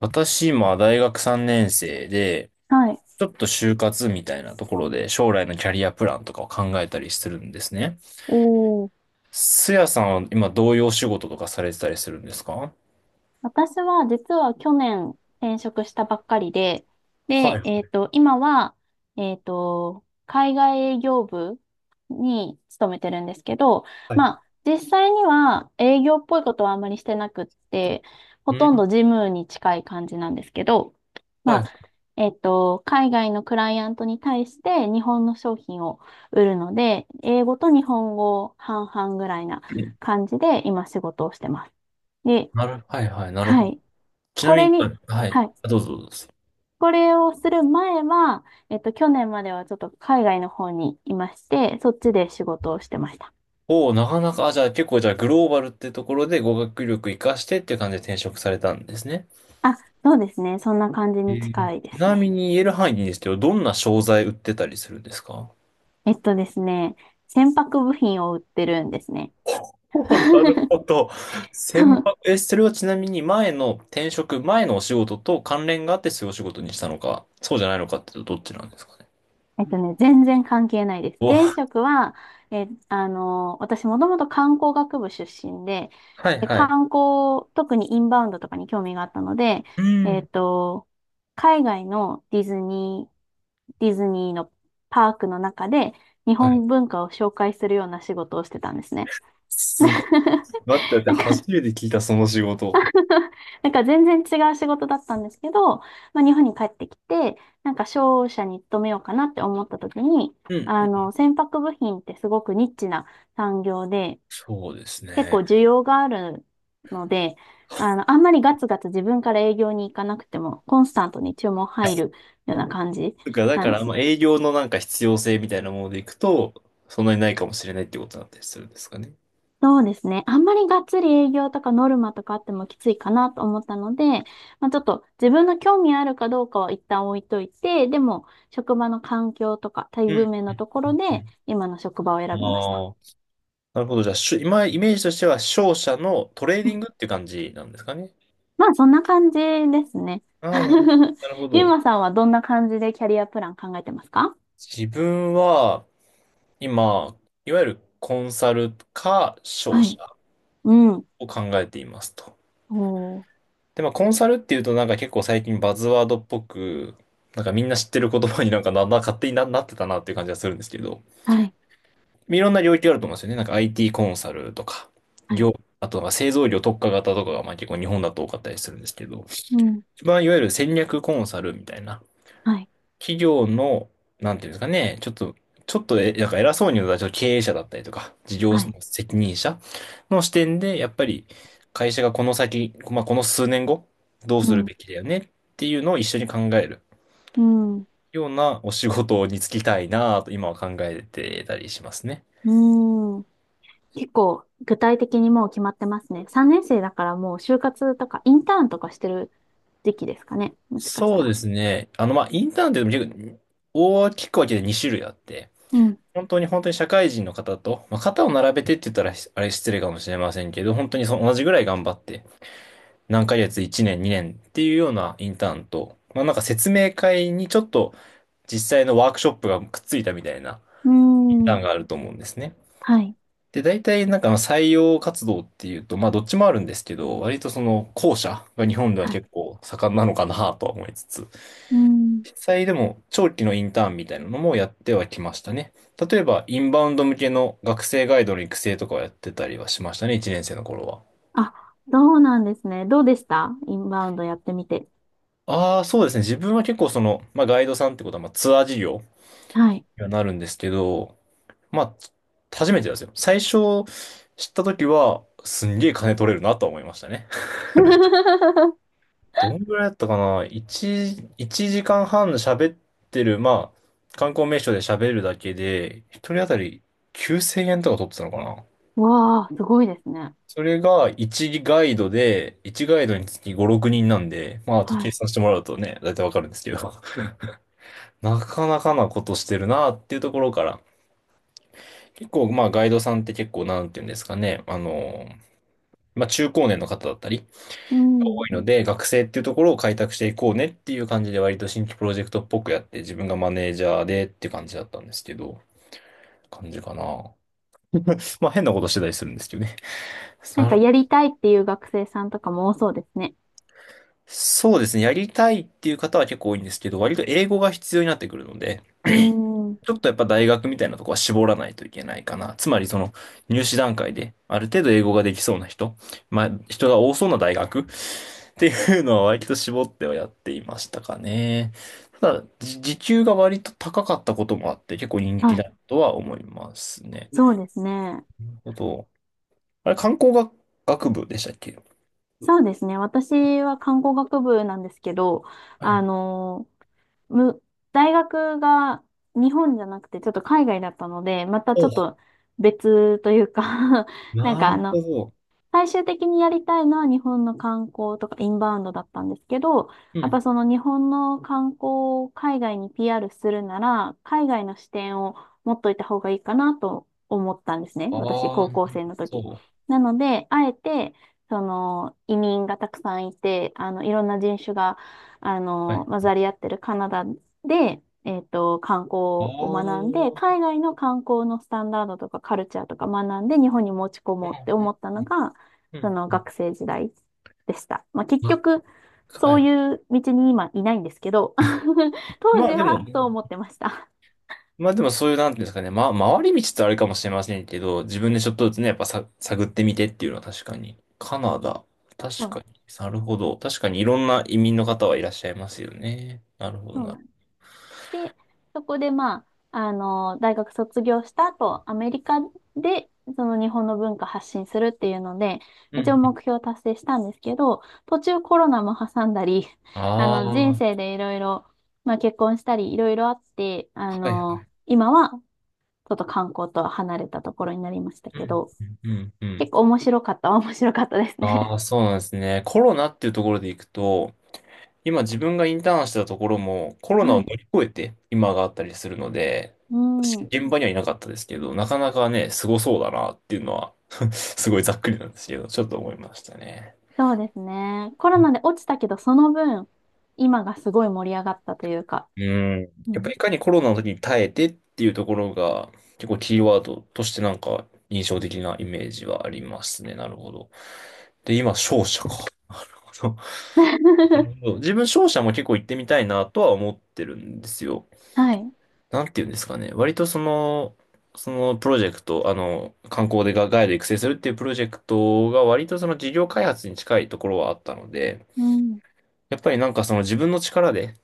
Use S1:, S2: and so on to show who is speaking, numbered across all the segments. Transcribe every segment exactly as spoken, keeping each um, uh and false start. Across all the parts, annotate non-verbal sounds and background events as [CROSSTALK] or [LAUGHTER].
S1: 私今大学さんねん生で、
S2: はい。
S1: ちょっと就活みたいなところで将来のキャリアプランとかを考えたりするんですね。
S2: お
S1: すやさんは今どういうお仕事とかされてたりするんですか？
S2: 私は実は去年転職したばっかりで、で、
S1: は
S2: えっと、今は、えっと、海外営業部に勤めてるんですけど、まあ、実際には営業っぽいことはあんまりしてなくって、ほ
S1: い。う
S2: とん
S1: ん。
S2: ど事務に近い感じなんですけど、
S1: は
S2: まあ、
S1: い。
S2: えっと、海外のクライアントに対して日本の商品を売るので、英語と日本語半々ぐらいな感じで今仕事をしてます。で、
S1: なる、はいはい、なるほ
S2: は
S1: ど。
S2: い。
S1: ちな
S2: こ
S1: み
S2: れ
S1: に、
S2: に、
S1: はい。
S2: はい。
S1: あ、どうぞどうぞ。
S2: これをする前は、えっと、去年まではちょっと海外の方にいまして、そっちで仕事をしてました。
S1: おお、なかなか、あ、じゃあ結構じゃあグローバルってところで語学力活かしてっていう感じで転職されたんですね。
S2: あ、そうですね。そんな感じ
S1: え
S2: に
S1: ー
S2: 近いで
S1: ち
S2: す
S1: なみ
S2: ね。
S1: に言える範囲でいいんですけど、どんな商材売ってたりするんですか？
S2: えっとですね、船舶部品を売ってるんですね。
S1: おー、なる
S2: [LAUGHS]
S1: ほど。千万、え、それはちなみに前の転職、前のお仕事と関連があってそういうお仕事にしたのか、そうじゃないのかってどっちなんですかね。
S2: えっとね、全然関係ないです。
S1: お、
S2: 前
S1: は
S2: 職は、え、あの、私もともと観光学部出身で、
S1: い
S2: で、
S1: はい。
S2: 観光、特にインバウンドとかに興味があったので、
S1: う
S2: えっ
S1: ん。
S2: と、海外のディズニー、ディズニーのパークの中で日
S1: はい。
S2: 本文化を紹介するような仕事をしてたんですね。
S1: すごい。待って待っ
S2: [LAUGHS]
S1: て、
S2: なんか
S1: 初めて聞いたその仕事。
S2: [LAUGHS] なんか全然違う仕事だったんですけど、まあ、日本に帰ってきて、なんか商社に勤めようかなって思った時に、
S1: うんう
S2: あ
S1: ん。
S2: の、船舶部品ってすごくニッチな産業で、
S1: そうです
S2: 結構
S1: ね。
S2: 需要があるので、あの、あんまりガツガツ自分から営業に行かなくても、コンスタントに注文
S1: だ
S2: 入るような感じ
S1: から、だ
S2: な
S1: か
S2: んで
S1: ら、
S2: す
S1: ま
S2: ね。
S1: あ、営業のなんか必要性みたいなものでいくと、そんなにないかもしれないってことだったりするんですかね。
S2: そうですね。あんまりがっつり営業とかノルマとかあってもきついかなと思ったので、まあ、ちょっと自分の興味あるかどうかは一旦置いといて、でも職場の環境とか待
S1: う
S2: 遇
S1: ん
S2: 面の
S1: う
S2: とこ
S1: ん
S2: ろで今の職場を
S1: う
S2: 選
S1: ん。あ
S2: びました。
S1: あ。なるほど。じゃあ、しゅ今、イメージとしては、商社のトレー
S2: う
S1: ディン
S2: ん、
S1: グっていう感じなんですかね。
S2: まあそんな感じですね。
S1: ああ、なる
S2: [LAUGHS]
S1: なるほ
S2: ゆう
S1: ど。
S2: まさんはどんな感じでキャリアプラン考えてますか？
S1: 自分は、今、いわゆるコンサルか商
S2: は
S1: 社
S2: い。うん。
S1: を考えていますと。
S2: おー。
S1: で、まあ、コンサルっていうと、なんか結構最近バズワードっぽく、なんかみんな知ってる言葉になんかな、な、勝手にな、なってたなっていう感じがするんですけど、
S2: はい。
S1: いろんな領域があると思うんですよね。なんか アイティー コンサルとか、
S2: はい。
S1: 業、あとは製造業特化型とかが、まあ結構日本だと多かったりするんですけど、
S2: うん。
S1: 一番いわゆる戦略コンサルみたいな、
S2: はい。
S1: 企業の、なんていうんですかね、ちょっと、ちょっとえ、なんか偉そうに言うと、ちょっと経営者だったりとか、事業の
S2: はい。
S1: 責任者の視点で、やっぱり会社がこの先、まあ、この数年後、どう
S2: う
S1: する
S2: ん。
S1: べきだよねっていうのを一緒に考える
S2: うん。
S1: ようなお仕事に就きたいなと今は考えてたりしますね。
S2: うん。結構具体的にもう決まってますね。さんねん生だからもう就活とかインターンとかしてる時期ですかね。もしかし
S1: そ
S2: た
S1: うで
S2: ら。
S1: すね。あの、まあ、インターンってでも結構大きく分けてに種類あって、
S2: うん。
S1: 本当に本当に社会人の方と、まあ、肩を並べてって言ったらあれ失礼かもしれませんけど、本当にその同じぐらい頑張って、何ヶ月、いちねん、にねんっていうようなインターンと、まあなんか説明会にちょっと実際のワークショップがくっついたみたいな
S2: う
S1: インタ
S2: ーん。
S1: ーンがあると思うんですね。
S2: はい。
S1: で、大体なんかまあ採用活動っていうと、まあどっちもあるんですけど、割とその後者が日本では
S2: はい。
S1: 結構盛んなのかなとは思いつつ、
S2: うーん。
S1: 実際でも長期のインターンみたいなのもやってはきましたね。例えばインバウンド向けの学生ガイドの育成とかをやってたりはしましたね、いちねん生の頃は。
S2: あ、そうなんですね。どうでしたインバウンドやってみて。
S1: ああ、そうですね。自分は結構その、まあ、ガイドさんってことは、まあ、ツアー事業
S2: はい。
S1: にはなるんですけど、まあ、初めてですよ。最初知った時は、すんげえ金取れるなとは思いましたね。[LAUGHS]
S2: [LAUGHS]
S1: どんぐらいだったかな ?いち、一時間半喋ってる、まあ、観光名所で喋るだけで、一人当たりきゅうせんえんとか取ってたのかな。
S2: わあ、すごいですね。
S1: それがいちガイドで、いちガイドにつきご、ろくにんなんで、まあ、あと
S2: は
S1: 計
S2: い。
S1: 算してもらうとね、だいたいわかるんですけど、[LAUGHS] なかなかなことしてるなっていうところから、結構、まあ、ガイドさんって結構、なんていうんですかね。あの、まあ、中高年の方だったり、
S2: う
S1: 多
S2: ん。
S1: いので、学生っていうところを開拓していこうねっていう感じで、割と新規プロジェクトっぽくやって、自分がマネージャーでっていう感じだったんですけど、感じかな。まあ、変なことしてたりするんですけどね。[LAUGHS]
S2: なん
S1: な
S2: か
S1: る
S2: やりたいっていう学生さんとかも多そうですね。
S1: そうですね。やりたいっていう方は結構多いんですけど、割と英語が必要になってくるので、
S2: うん。
S1: ちょっとやっぱ大学みたいなとこは絞らないといけないかな。つまりその入試段階である程度英語ができそうな人、まあ人が多そうな大学っていうのは割と絞ってはやっていましたかね。ただ、じ時給が割と高かったこともあって結構人気
S2: はい。
S1: だとは思いますね。
S2: そうですね。
S1: なるほど。あれ、観光学、学部でしたっけ？
S2: そうですね。私は看護学部なんですけど、
S1: は
S2: あ
S1: い。
S2: のむ、大学が日本じゃなくてちょっと海外だったので、また
S1: お
S2: ちょっ
S1: う、
S2: と別というか [LAUGHS] なん
S1: な
S2: かあ
S1: る
S2: の、
S1: ほど。
S2: 最終的にやりたいのは日本の観光とかインバウンドだったんですけど、
S1: う
S2: やっぱ
S1: ん。
S2: その日本の観光を海外に ピーアール するなら、海外の視点を持っといた方がいいかなと思ったんですね。私、
S1: ああ、
S2: 高
S1: な
S2: 校
S1: る
S2: 生の
S1: ほ
S2: 時。
S1: ど。
S2: なので、あえて、その移民がたくさんいて、あの、いろんな人種が、あ
S1: は
S2: の、
S1: い。
S2: 混ざり合ってるカナダで、えっと、観光
S1: あ
S2: を学ん
S1: あ、
S2: で、海外の観光のスタンダードとかカルチャーとか学んで、日本に持ち込もうって思った
S1: う
S2: の
S1: ん、
S2: が、
S1: うん、う
S2: そ
S1: ん。
S2: の
S1: うんうん、
S2: 学生時代でした。まあ、結
S1: あ、
S2: 局、そ
S1: は
S2: う
S1: い。
S2: いう道に今いないんですけど、[LAUGHS] 当
S1: ま
S2: 時
S1: あでも、
S2: はそう思ってました。
S1: まあでもそういう、なんていうんですかね、ま、回り道ってあれかもしれませんけど、自分でちょっとずつね、やっぱさ、探ってみてっていうのは確かに。カナダ、
S2: そ
S1: 確
S2: う
S1: か
S2: で
S1: に。
S2: す。
S1: なるほど。確かにいろんな移民の方はいらっしゃいますよね。なるほど
S2: そうな
S1: な。
S2: んでそこでまあ、あの、大学卒業した後、アメリカで、その日本の文化発信するっていうので、
S1: う
S2: 一応
S1: ん。
S2: 目標達成したんですけど、途中コロナも挟んだり、あ
S1: ああ、
S2: の、人
S1: は
S2: 生でいろいろ、まあ結婚したりいろいろあって、あ
S1: いはい。
S2: の、今はちょっと観光とは離れたところになりました
S1: う
S2: け
S1: ん、
S2: ど、
S1: うん、うん。うん、
S2: 結構面白かった。[LAUGHS] 面白かったです
S1: あ
S2: ね。
S1: あ、そうなんですね。コロナっていうところでいくと、今自分がインターンしてたところもコ
S2: [LAUGHS]
S1: ロナを
S2: は
S1: 乗
S2: い。
S1: り越えて今があったりするので、
S2: うん。
S1: 現場にはいなかったですけど、なかなかね、すごそうだなっていうのは [LAUGHS] すごいざっくりなんですけど、ちょっと思いましたね。
S2: そうですね。コロナで落ちたけど、その分、今がすごい盛り上がったというか。
S1: うん。
S2: う
S1: やっぱ
S2: ん。
S1: りいかにコロナの時に耐えてっていうところが結構キーワードとしてなんか印象的なイメージはありますね。なるほど。で、今、商社か。[LAUGHS] なるほ
S2: [LAUGHS]
S1: ど、自分商社も結構行ってみたいなとは思ってるんですよ。
S2: はい。
S1: なんていうんですかね。割とその、そのプロジェクト、あの、観光でがガイド育成するっていうプロジェクトが割とその事業開発に近いところはあったので、
S2: うん。
S1: やっぱりなんかその自分の力で、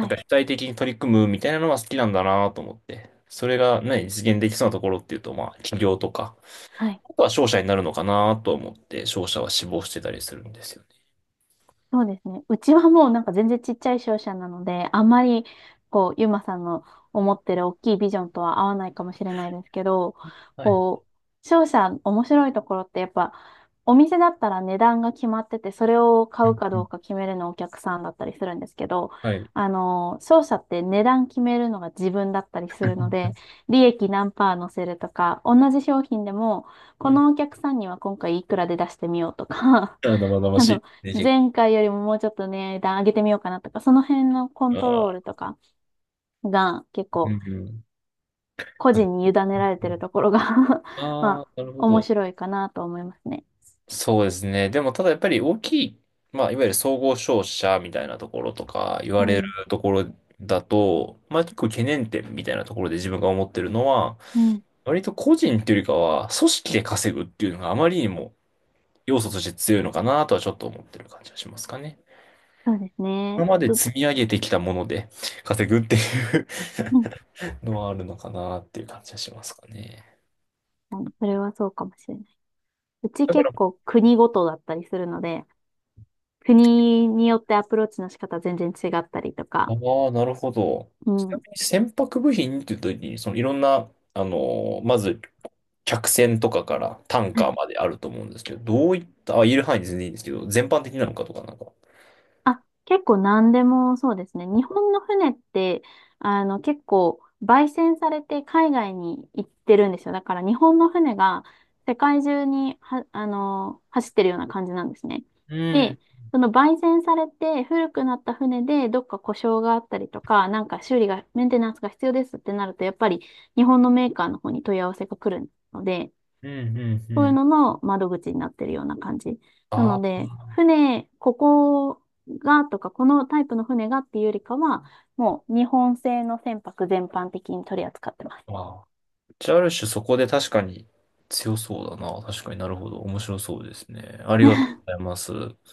S1: なんか
S2: い。
S1: 主体的に取り組むみたいなのは好きなんだなと思って、それがね、実現できそうなところっていうと、まあ、企業とか、
S2: はい。
S1: あとは商社になるのかなと思って、商社は志望してたりするんですよね。
S2: そうですね。うちはもうなんか全然ちっちゃい商社なので、あんまりこう、ゆまさんの思ってる大きいビジョンとは合わないかもしれないですけど、
S1: はい。
S2: こう、商社面白いところってやっぱ、お店だったら値段が決まってて、それを買
S1: う
S2: う
S1: ん
S2: か
S1: う
S2: ど
S1: ん、
S2: うか決めるのお客さんだったりするんですけど、
S1: はい。
S2: あの、商社って値段決めるのが自分だったりするので、利益何パー乗せるとか、同じ商品でも、
S1: う
S2: こ
S1: ん、
S2: のお客さんには今回いくらで出してみようとか
S1: あ、生
S2: [LAUGHS]
S1: 々
S2: あ
S1: し
S2: の、
S1: いね。結
S2: 前回よりももうちょっとね値段上げてみようかなとか、その辺のコン
S1: 構、
S2: トロー
S1: あ
S2: ルとかが結
S1: ー、う
S2: 構
S1: んうん、
S2: 個
S1: あ、う
S2: 人に委ねら
S1: ん
S2: れ
S1: う
S2: てる
S1: ん、
S2: ところが [LAUGHS] まあ、
S1: あー、なるほ
S2: 面
S1: ど。
S2: 白いかなと思いますね。
S1: そうですね。でも、ただやっぱり大きい、まあ、いわゆる総合商社みたいなところとか言わ
S2: う
S1: れる
S2: ん。
S1: ところだと、まあ、結構懸念点みたいなところで自分が思ってるのは、
S2: うん。
S1: 割と個人っていうよりかは、組織で稼ぐっていうのがあまりにも要素として強いのかなとはちょっと思ってる感じがしますかね。
S2: そうですね。
S1: 今まで
S2: と、
S1: 積み上げてきたもので稼ぐっていう
S2: うん。
S1: [LAUGHS] のはあるのかなっていう感じがしますかね。
S2: はい、それはそうかもしれない。うち
S1: だから、
S2: 結構国ごとだったりするので、国によってアプローチの仕方全然違ったりと
S1: あ
S2: か、
S1: あ、なるほど。
S2: う
S1: ちな
S2: ん。
S1: みに船舶部品っていうときに、そのいろんな、あのまず、客船とかからタン
S2: は
S1: カ
S2: い。
S1: ーまであると思うんですけど、どういった、あ、言える範囲で全然いいんですけど、全般的なのかとかなんか。
S2: あ、結構何でもそうですね。日本の船って、あの、結構、焙煎されて海外に行ってるんですよ。だから日本の船が世界中には、あの、走ってるような感じなんですね。
S1: うん、
S2: で、その焙煎されて古くなった船でどっか故障があったりとか、なんか修理が、メンテナンスが必要ですってなると、やっぱり日本のメーカーの方に問い合わせが来るので、
S1: うん、うん、
S2: そ
S1: う
S2: ういう
S1: ん。
S2: のの窓口になってるような感じ。なの
S1: あ
S2: で、
S1: あ、
S2: 船、ここがとか、このタイプの船がっていうよりかは、もう日本製の船舶全般的に取り扱ってます。
S1: まあ。じゃあ、ある種そこで確かに強そうだな。確かになるほど。面白そうですね。ありがと
S2: [LAUGHS]
S1: うございます。